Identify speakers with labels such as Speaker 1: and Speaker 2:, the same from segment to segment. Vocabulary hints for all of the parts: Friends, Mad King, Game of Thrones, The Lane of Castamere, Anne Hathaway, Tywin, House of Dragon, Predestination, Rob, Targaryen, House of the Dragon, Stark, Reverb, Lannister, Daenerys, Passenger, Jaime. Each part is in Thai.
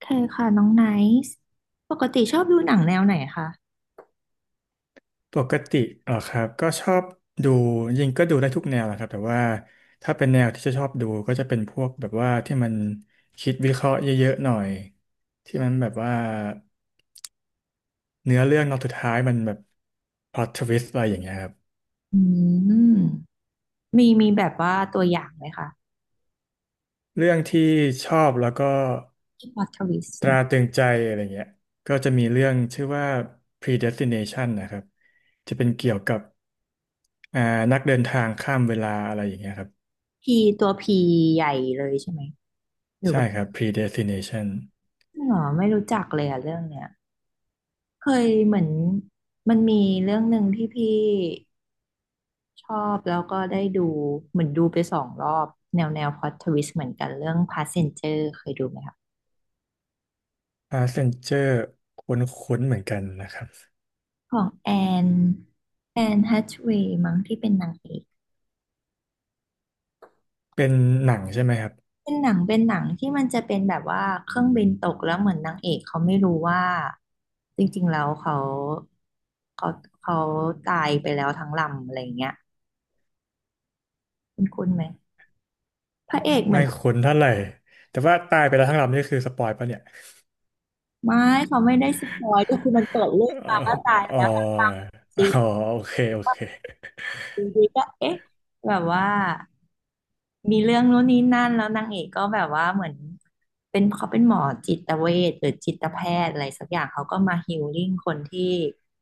Speaker 1: เคยค่ะน้องไนซ์ปกติชอบดูหนังแนวไหนคะ
Speaker 2: ปกติเหรอครับก็ชอบดูจริงก็ดูได้ทุกแนวแหละครับแต่ว่าถ้าเป็นแนวที่จะชอบดูก็จะเป็นพวกแบบว่าที่มันคิดวิเคราะห์เยอะๆหน่อยที่มันแบบว่าเนื้อเรื่องตอนสุดท้ายมันแบบพล็อตทวิสอะไรอย่างเงี้ยครับ
Speaker 1: อืมมีแบบว่าตัวอย่างไหมคะ
Speaker 2: เรื่องที่ชอบแล้วก็
Speaker 1: ที่พล็อตทวิสต์
Speaker 2: ตรา
Speaker 1: นะ
Speaker 2: ตรึงใจอะไรเงี้ยก็จะมีเรื่องชื่อว่า Predestination นะครับจะเป็นเกี่ยวกับอ่านักเดินทางข้ามเวลาอะไรอย่างเงี้ยครับ
Speaker 1: พีตัวพีใหญ่เลยใช่ไหมหรือ
Speaker 2: ใช่
Speaker 1: ว่า
Speaker 2: ครับ Predestination
Speaker 1: จริงเหรอไม่รู้จักเลยอะเรื่องเนี้ยเคยเหมือนมันมีเรื่องหนึ่งที่พี่ชอบแล้วก็ได้ดูเหมือนดูไปสองรอบแนวพล็อตทวิสต์เหมือนกันเรื่อง Passenger เคยดูไหมคะ
Speaker 2: Passenger คุ้นๆเหมือนกันนะครับ
Speaker 1: ของนแอนแฮทเวย์มั้งที่เป็นนางเอก
Speaker 2: เป็นหนังใช่ไหมครับ
Speaker 1: เป็นหนังเป็นหนังที่มันจะเป็นแบบว่าเครื่องบินตกแล้วเหมือนนางเอกเขาไม่รู้ว่าจริงๆแล้วเขาเขาตายไปแล้วทั้งลำอะไรอย่างเงี้ยคุณไหมพระเอกเหมื
Speaker 2: ไม่
Speaker 1: อน
Speaker 2: คุ้นเท่าไหร่แต่ว่าตายไปแล้วทั้งลำนี่คือสปอยปะเนี่ย
Speaker 1: ไม่เขาไม่ได้สปอยก็คือมันเปิดเรื่
Speaker 2: เอ
Speaker 1: อง
Speaker 2: อ
Speaker 1: มาก็ตาย
Speaker 2: อ๋อ
Speaker 1: แล้วทั้งลำจริง
Speaker 2: อ๋อโอเคโอ
Speaker 1: ว่า
Speaker 2: เค
Speaker 1: ดๆก็เอ๊ะแบบว่า มีเรื่องนู้นนี้นั่นแล้วนางเอกก็แบบว่าเหมือนเป็นเขาเป็นหมอจิตเวชหรือจิตแพทย์อะไรสักอย่างเขาก็มาฮีลลิ่งคนที่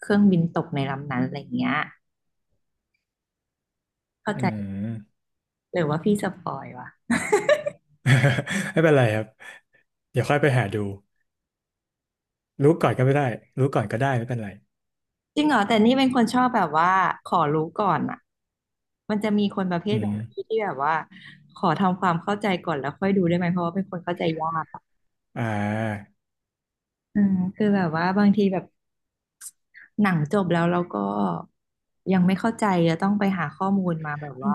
Speaker 1: เครื่องบินตกในลำนั้นอะไรอย่างเงี้ยเข้า
Speaker 2: อื
Speaker 1: ใจ
Speaker 2: ม
Speaker 1: หรือว่าพี่สปอยวะ
Speaker 2: ไม่เป็นไรครับเดี๋ยวค่อยไปหาดูรู้ก่อนก็ไม่ได้รู้ก่อนก็ได้ไม่เป็นไร
Speaker 1: จริงเหรอแต่นี่เป็นคนชอบแบบว่าขอรู้ก่อนอ่ะมันจะมีคนประเภ
Speaker 2: อื
Speaker 1: ทแบบพี่
Speaker 2: ม
Speaker 1: ที่แบบว่าขอทำความเข้าใจก่อนแล้วค่อยดูได้ไหมเพราะว่าเป็นคนเข้าใจยากอะ
Speaker 2: อ่า
Speaker 1: อืมคือแบบว่าบางทีแบบหนังจบแล้วเราก็ยังไม่เข้าใจจะต้องไปหาข้อมูลมาแบบว่า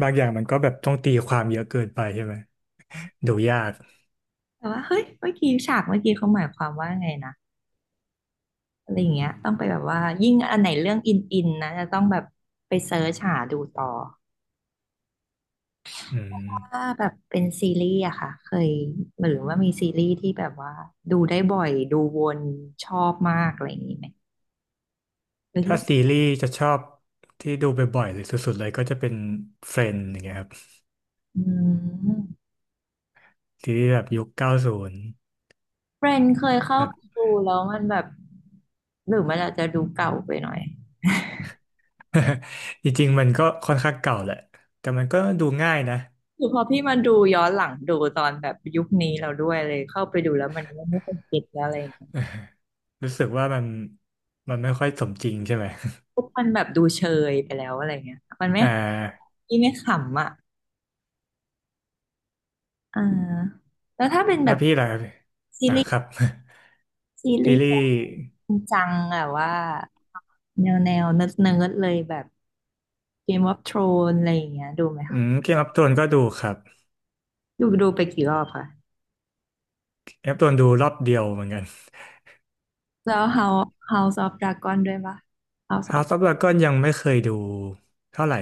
Speaker 2: บางอย่างมันก็แบบต้องตีความเยอะเกินไปใช่ไหมดูยาก
Speaker 1: แต่ว่าเฮ้ยเมื่อกี้ฉากเมื่อกี้เขาหมายความว่าไงนะอะไรอย่างเงี้ยต้องไปแบบว่ายิ่งอันไหนเรื่องอินนะจะต้องแบบไปเซิร์ชหาดูต่อ
Speaker 2: อืม
Speaker 1: ถ้าแบบเป็นซีรีส์อะค่ะเคยหรือว่ามีซีรีส์ที่แบบว่าดูได้บ่อยดูวนชอบมากอะไรอย่างนี้ไหมหรือที่
Speaker 2: ถ้าซีรีส์จะชอบที่ดูบ่อยๆหรือสุดๆเลยก็จะเป็น Friends อย่างเงี้ยครับ
Speaker 1: อืม
Speaker 2: ซีรีส์แบบยุคเก้าศูนย์
Speaker 1: เฟรนเคยเข้า
Speaker 2: แบ
Speaker 1: ไป
Speaker 2: บ
Speaker 1: ดูแล้วมันแบบหรือมันอาจจะดูเก่าไปหน่อย
Speaker 2: จริงๆมันก็ค่อนข้างเก่าแหละแต่มันก็ดูง่ายนะ
Speaker 1: คือพอพี่มาดูย้อนหลังดูตอนแบบยุคนี้เราด้วยเลยเข้าไปดูแล้วมันก็ไม่ค่อยเก็ตแล้วอะไรอย่างเงี้ย
Speaker 2: รู้สึกว่ามันไม่ค่อยสมจริงใช่ไหม
Speaker 1: ปุ๊บมันแบบดูเชยไปแล้วอะไรเงี้ยมัน ไม่
Speaker 2: อ่า
Speaker 1: ที่ไม่ขำอ่ะ อ่าแล้วถ้าเป็นแบ
Speaker 2: แล้ว
Speaker 1: บ
Speaker 2: พี่ล่ะ
Speaker 1: ซี
Speaker 2: อ่า
Speaker 1: รี
Speaker 2: ค
Speaker 1: ส์
Speaker 2: รับ
Speaker 1: ซี รี
Speaker 2: ซี
Speaker 1: ส์
Speaker 2: รีส์
Speaker 1: จริงจังอะว่าแนวเนิร์ดเนิร์ดเลยแบบ Game of Thrones อะไรอย่างเงี้ยดูไหมคะ
Speaker 2: เกมอัพโทนก็ดูครับ
Speaker 1: ดูไปกี่รอบคะ
Speaker 2: เกมอัพโทนดูรอบเดียวเหมือนกัน
Speaker 1: แล้ว House of Dragon ด้วยปะ House of
Speaker 2: House of Dragon ยังไม่เคยดูเท่าไหร่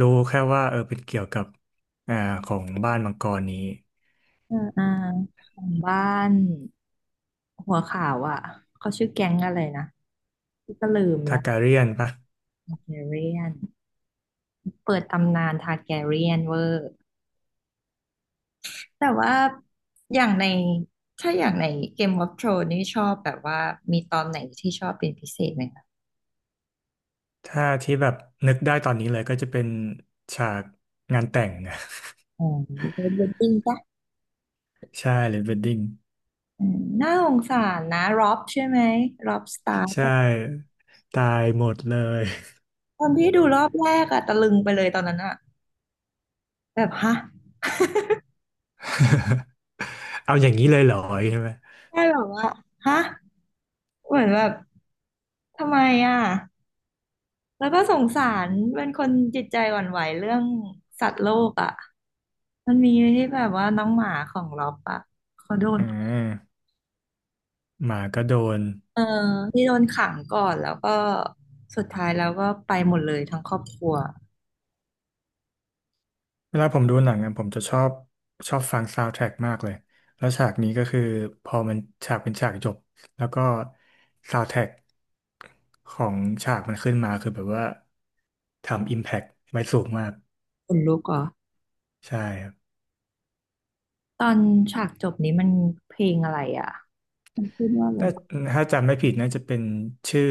Speaker 2: รู้แค่ว่าเออเป็นเกี่ยวกับอ่าของบ้านมังกรนี้
Speaker 1: เอออ่าของบ้านหัวขาวอ่ะเขาชื่อแก๊งอะไรนะที่ก็ลืม
Speaker 2: ทา
Speaker 1: ละ
Speaker 2: การียนปะ
Speaker 1: Targaryen เปิดตำนานทาร์แกเรียนเวอร์แต่ว่าอย่างในถ้าอย่างในเกมวอ r โ r o นนี่ชอบแบบว่ามีตอนไหนที่ชอบเป็นพิเศษไหมคะ
Speaker 2: ถ้าที่แบบนึกได้ตอนนี้เลยก็จะเป็นฉากงานแต่งนะ
Speaker 1: อ๋อเดนดิ้งปะ
Speaker 2: ใช่เลยเวดดิ้ง
Speaker 1: อืมน่าสงสารนะร็อบใช่ไหมร็อบสตาร์
Speaker 2: ใช่ตายหมดเลย
Speaker 1: ตอนที่ดูรอบแรกอะตะลึงไปเลยตอนนั้นอะแบบฮะ
Speaker 2: เอาอย่างนี้เลยเหรอใช่ไหม
Speaker 1: ได้แบบว่าฮะเหมือนแบบทำไมอะ แล้วก็สงสารเป็นคนจิตใจหวั่นไหวเรื่องสัตว์โลกอ่ะมันมีที่แบบว่าน้องหมาของล็อบอ่ะเขาโดน
Speaker 2: อืมหมาก็โดน
Speaker 1: เออที่โดนขังก่อนแล้วก็สุดท้ายแล้วก็ไปหมดเลยทั้งครอบครัว
Speaker 2: เวลาผมดูหนังอะผมจะชอบฟังซาว n d แท a ็กมากเลยแล้วฉากนี้ก็คือพอมันฉากเป็นฉากจบแล้วก็ซาว n d แท a ็กของฉากมันขึ้นมาคือแบบว่าทำอิมแพ t ไว้สูงมาก
Speaker 1: ขนลุกเหรอ
Speaker 2: ใช่
Speaker 1: ตอนฉากจบนี้มันเพลงอะไรอ่ะมันพูดว่าอะไร
Speaker 2: น่าถ้าจำไม่ผิดน่าจะเป็นชื่อ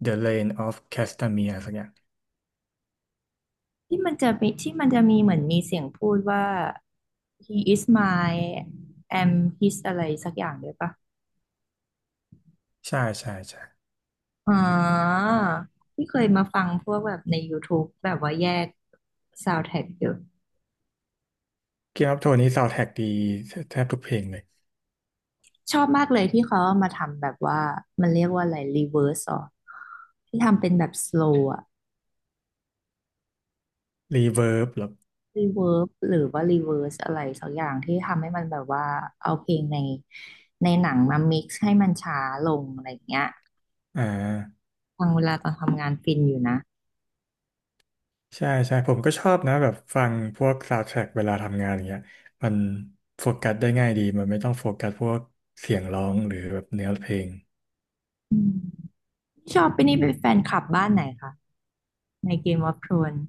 Speaker 2: The Lane of Castamere สักอย่าง
Speaker 1: ที่มันจะมีเหมือนมีเสียงพูดว่า he is my am his อะไรสักอย่างด้วยปะ
Speaker 2: ใช่ใช่ใช่
Speaker 1: อ๋อที่เคยมาฟังพวกแบบใน YouTube แบบว่าแยก s o u n d t ท a c k อยู่
Speaker 2: เกมอ of โท r นี้ซาวด์แทร็กดีแทบทุกเพลงเลย
Speaker 1: ชอบมากเลยที่เขาเอามาทำแบบว่ามันเรียกว่าอะไร reverse สหรสออที่ทำเป็นแบบ slow อะ
Speaker 2: Reverb หรอ
Speaker 1: reverb หรือว่า reverse อะไรสักอย่างที่ทำให้มันแบบว่าเอาเพลงในในหนังมา mix ให้มันช้าลงอะไรอย่างเงี้ย
Speaker 2: อ่า
Speaker 1: ฟังเวลาตอนทำงานฟินอยู่นะ
Speaker 2: ใช่ใช่ผมก็ชอบนะแบบฟังพวกซาวด์แทร็กเวลาทำงานอย่างเงี้ยมันโฟกัสได้ง่ายดี มันไม่ต้องโฟกัสพวกเสียงร้องหรือแบบเนื้อเพลง
Speaker 1: อืมชอบไปนี่เป็นแฟนคลับบ้านไหนคะใน Game of Thrones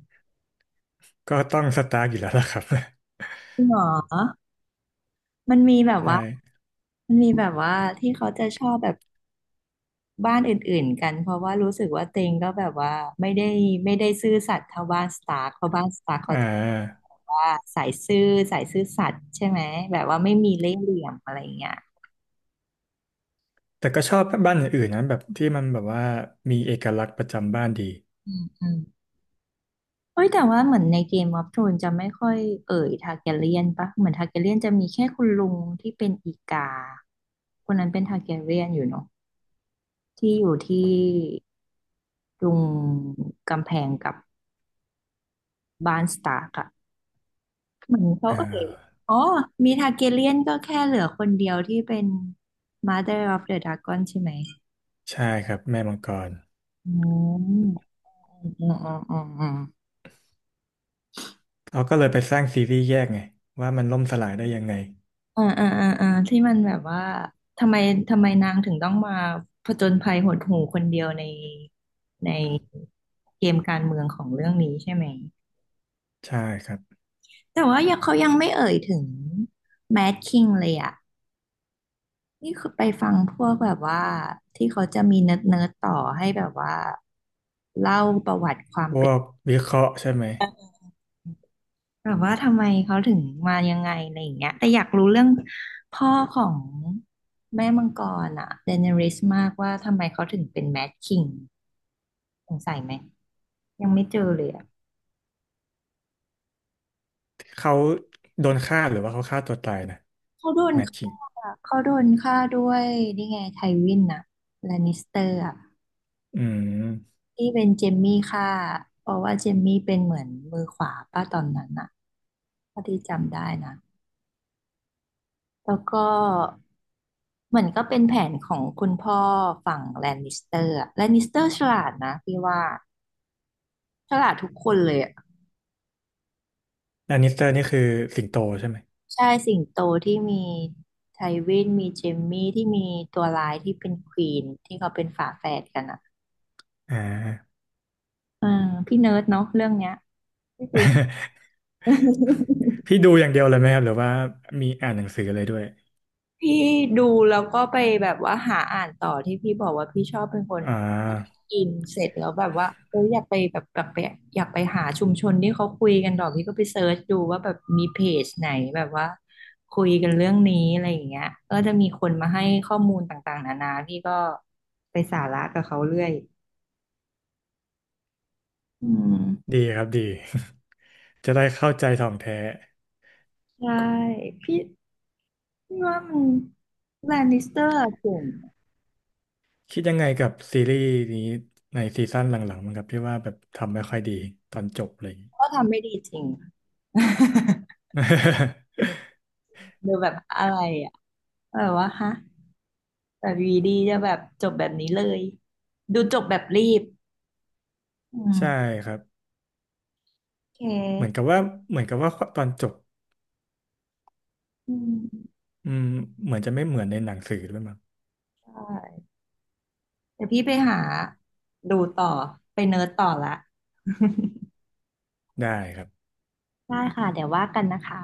Speaker 2: ก็ต้องสตาร์กอยู่แล้วล่ะครับ
Speaker 1: จริงเหรอ มันมีแบบ
Speaker 2: ใช่
Speaker 1: ว่ามันมีแบบว่าที่เขาจะชอบแบบบ้านอื่นๆกันเพราะว่ารู้สึกว่าเต็งก็แบบว่าไม่ได้ไม่ได้ซื่อสัตย์เท่าบ้านสตาร์กเพราะบ้านสตาร์กเขา
Speaker 2: อ่
Speaker 1: จะ
Speaker 2: า
Speaker 1: แบบว่าสายซื่อสายซื่อสัตย์ใช่ไหมแบบว่าไม่มีเล่ห์เหลี่ยมอะไรอย่างเงี้ย
Speaker 2: แต่ก็ชอบบ้านอื่นๆนะแบบที่มันแบบว่ามีเอกลักษณ์ประจำบ้านดี
Speaker 1: อืมอืมเอ้ยแต่ว่าเหมือนในเกมออฟโธรนจะไม่ค่อยเอ่ยทาร์แกเรียนปะเหมือนทาร์แกเรียนจะมีแค่คุณลุงที่เป็นอีกาคนนั้นเป็นทาร์แกเรียนอยู่เนาะที่อยู่ที่ตรงกำแพงกับ บาร์นสตาร์กอะเหมือนเขา
Speaker 2: อ่
Speaker 1: เอ่ย
Speaker 2: า
Speaker 1: อ๋อมีทาร์เกเรียนก็แค่เหลือคนเดียวที่เป็น Mother of the Dragon ใช่ไหม
Speaker 2: ใช่ครับแม่มังกร
Speaker 1: อืมอืมอืมอืมอืม
Speaker 2: เขาก็เลยไปสร้างซีรีส์แยกไงว่ามันล่มสลายได้ยังไง
Speaker 1: ที่มันแบบว่าทำไมนางถึงต้องมาผจญภัยหดหู่คนเดียวในในเกมการเมืองของเรื่องนี้ใช่ไหม
Speaker 2: ใช่ครับ
Speaker 1: แต่ว่ายังเขายังไม่เอ่ยถึงแมดคิงเลยอะ นี่คือไปฟังพวกแบบว่าที่เขาจะมีเนิร์ดต่อให้แบบว่าเล่าประวัติความ
Speaker 2: พ
Speaker 1: เป็
Speaker 2: ว
Speaker 1: น
Speaker 2: กวิเคราะห์ใช่ไหม
Speaker 1: แบบว่าทำไมเขาถึงมายังไงอะไรอย่างเงี้ยแต่อยากรู้เรื่องพ่อของแม่มังกรอะเดเนริสมากว่าทำไมเขาถึงเป็นแมดคิงสงสัยไหมยังไม่เจอเลยอะ
Speaker 2: เขาโดนฆ่าหรือว่าเขาฆ่าตัวตายนะ
Speaker 1: เขาโดน
Speaker 2: แมทชิ่
Speaker 1: ฆ่า
Speaker 2: ง
Speaker 1: เขาโดนฆ่าด้วยนี่ไงไทวินอะแลนนิสเตอร์อะ
Speaker 2: อืม
Speaker 1: ที่เป็นเจมมี่ค่ะเพราะว่าเจมมี่เป็นเหมือนมือขวาป้าตอนนั้นน่ะ้าที่จำได้นะแล้วก็เหมือนก็เป็นแผนของคุณพ่อฝั่งแลนนิสเตอร์อะแลนนิสเตอร์ฉลาดนะพี่ว่าฉลาดทุกคนเลยอะ
Speaker 2: แลนนิสเตอร์นี่คือสิงโตใช่ไหม
Speaker 1: ใช่สิงโตที่มีไทวินมีเจมมี่ที่มีตัวร้ายที่เป็นควีนที่เขาเป็นฝาแฝดกันอ่ะ
Speaker 2: อ่า
Speaker 1: เออพี่เนิร์ดเนาะเรื่องเนี้ยไม่คุย
Speaker 2: พี่ดูอย่างเดียวเลยไหมครับหรือว่ามีอ่านหนังสือเลยด้วย
Speaker 1: พี่ดูแล้วก็ไปแบบว่าหาอ่านต่อที่พี่บอกว่าพี่ชอบเป็นคน
Speaker 2: อ่า
Speaker 1: กินเสร็จแล้วแบบว่าเอออยากไปแบบกลับไปอยากไปหาชุมชนที่เขาคุยกันต่อกพี่ก็ไปเซิร์ชดูว่าแบบมีเพจไหนแบบว่าคุยกันเรื่องนี้อะไรอย่างเงี้ยก็จะมีคนมาให้ข้อมูลต่างๆนานาพี่ก็ไปสาระกับเขาเรื่อยอืม
Speaker 2: ดีครับดี จะได้เข้าใจท่องแท้
Speaker 1: ใช่พี่พี่ว่ามันแลนนิสเตอร์เก่ง
Speaker 2: คิดยังไงกับซีรีส์นี้ในซีซั่นหลังๆมั้งครับพี่ว่าแบบทำไม่ค่อยดีตอนจบเลย
Speaker 1: ก็ทำไม่ดีจริง ดูแบบอะไร แบบว่าฮะแบบวีดีจะแบบจบแบบนี้เลย ดูจบแบบรีบอื
Speaker 2: ใช่
Speaker 1: ม
Speaker 2: ครับ
Speaker 1: โอเค
Speaker 2: เหมือนกับว่าเหมือนกับว่าตอนจบ
Speaker 1: อืม
Speaker 2: อืมเหมือนจะไม่เหมือนในหนังสือด้วยมั้ง
Speaker 1: ใช่เดี๋ยวพี่ไปหาดูต่อ ไปเนิร์ดต่อละ
Speaker 2: ได้ครับ
Speaker 1: ได้ค่ะเดี๋ยวว่ากันนะคะ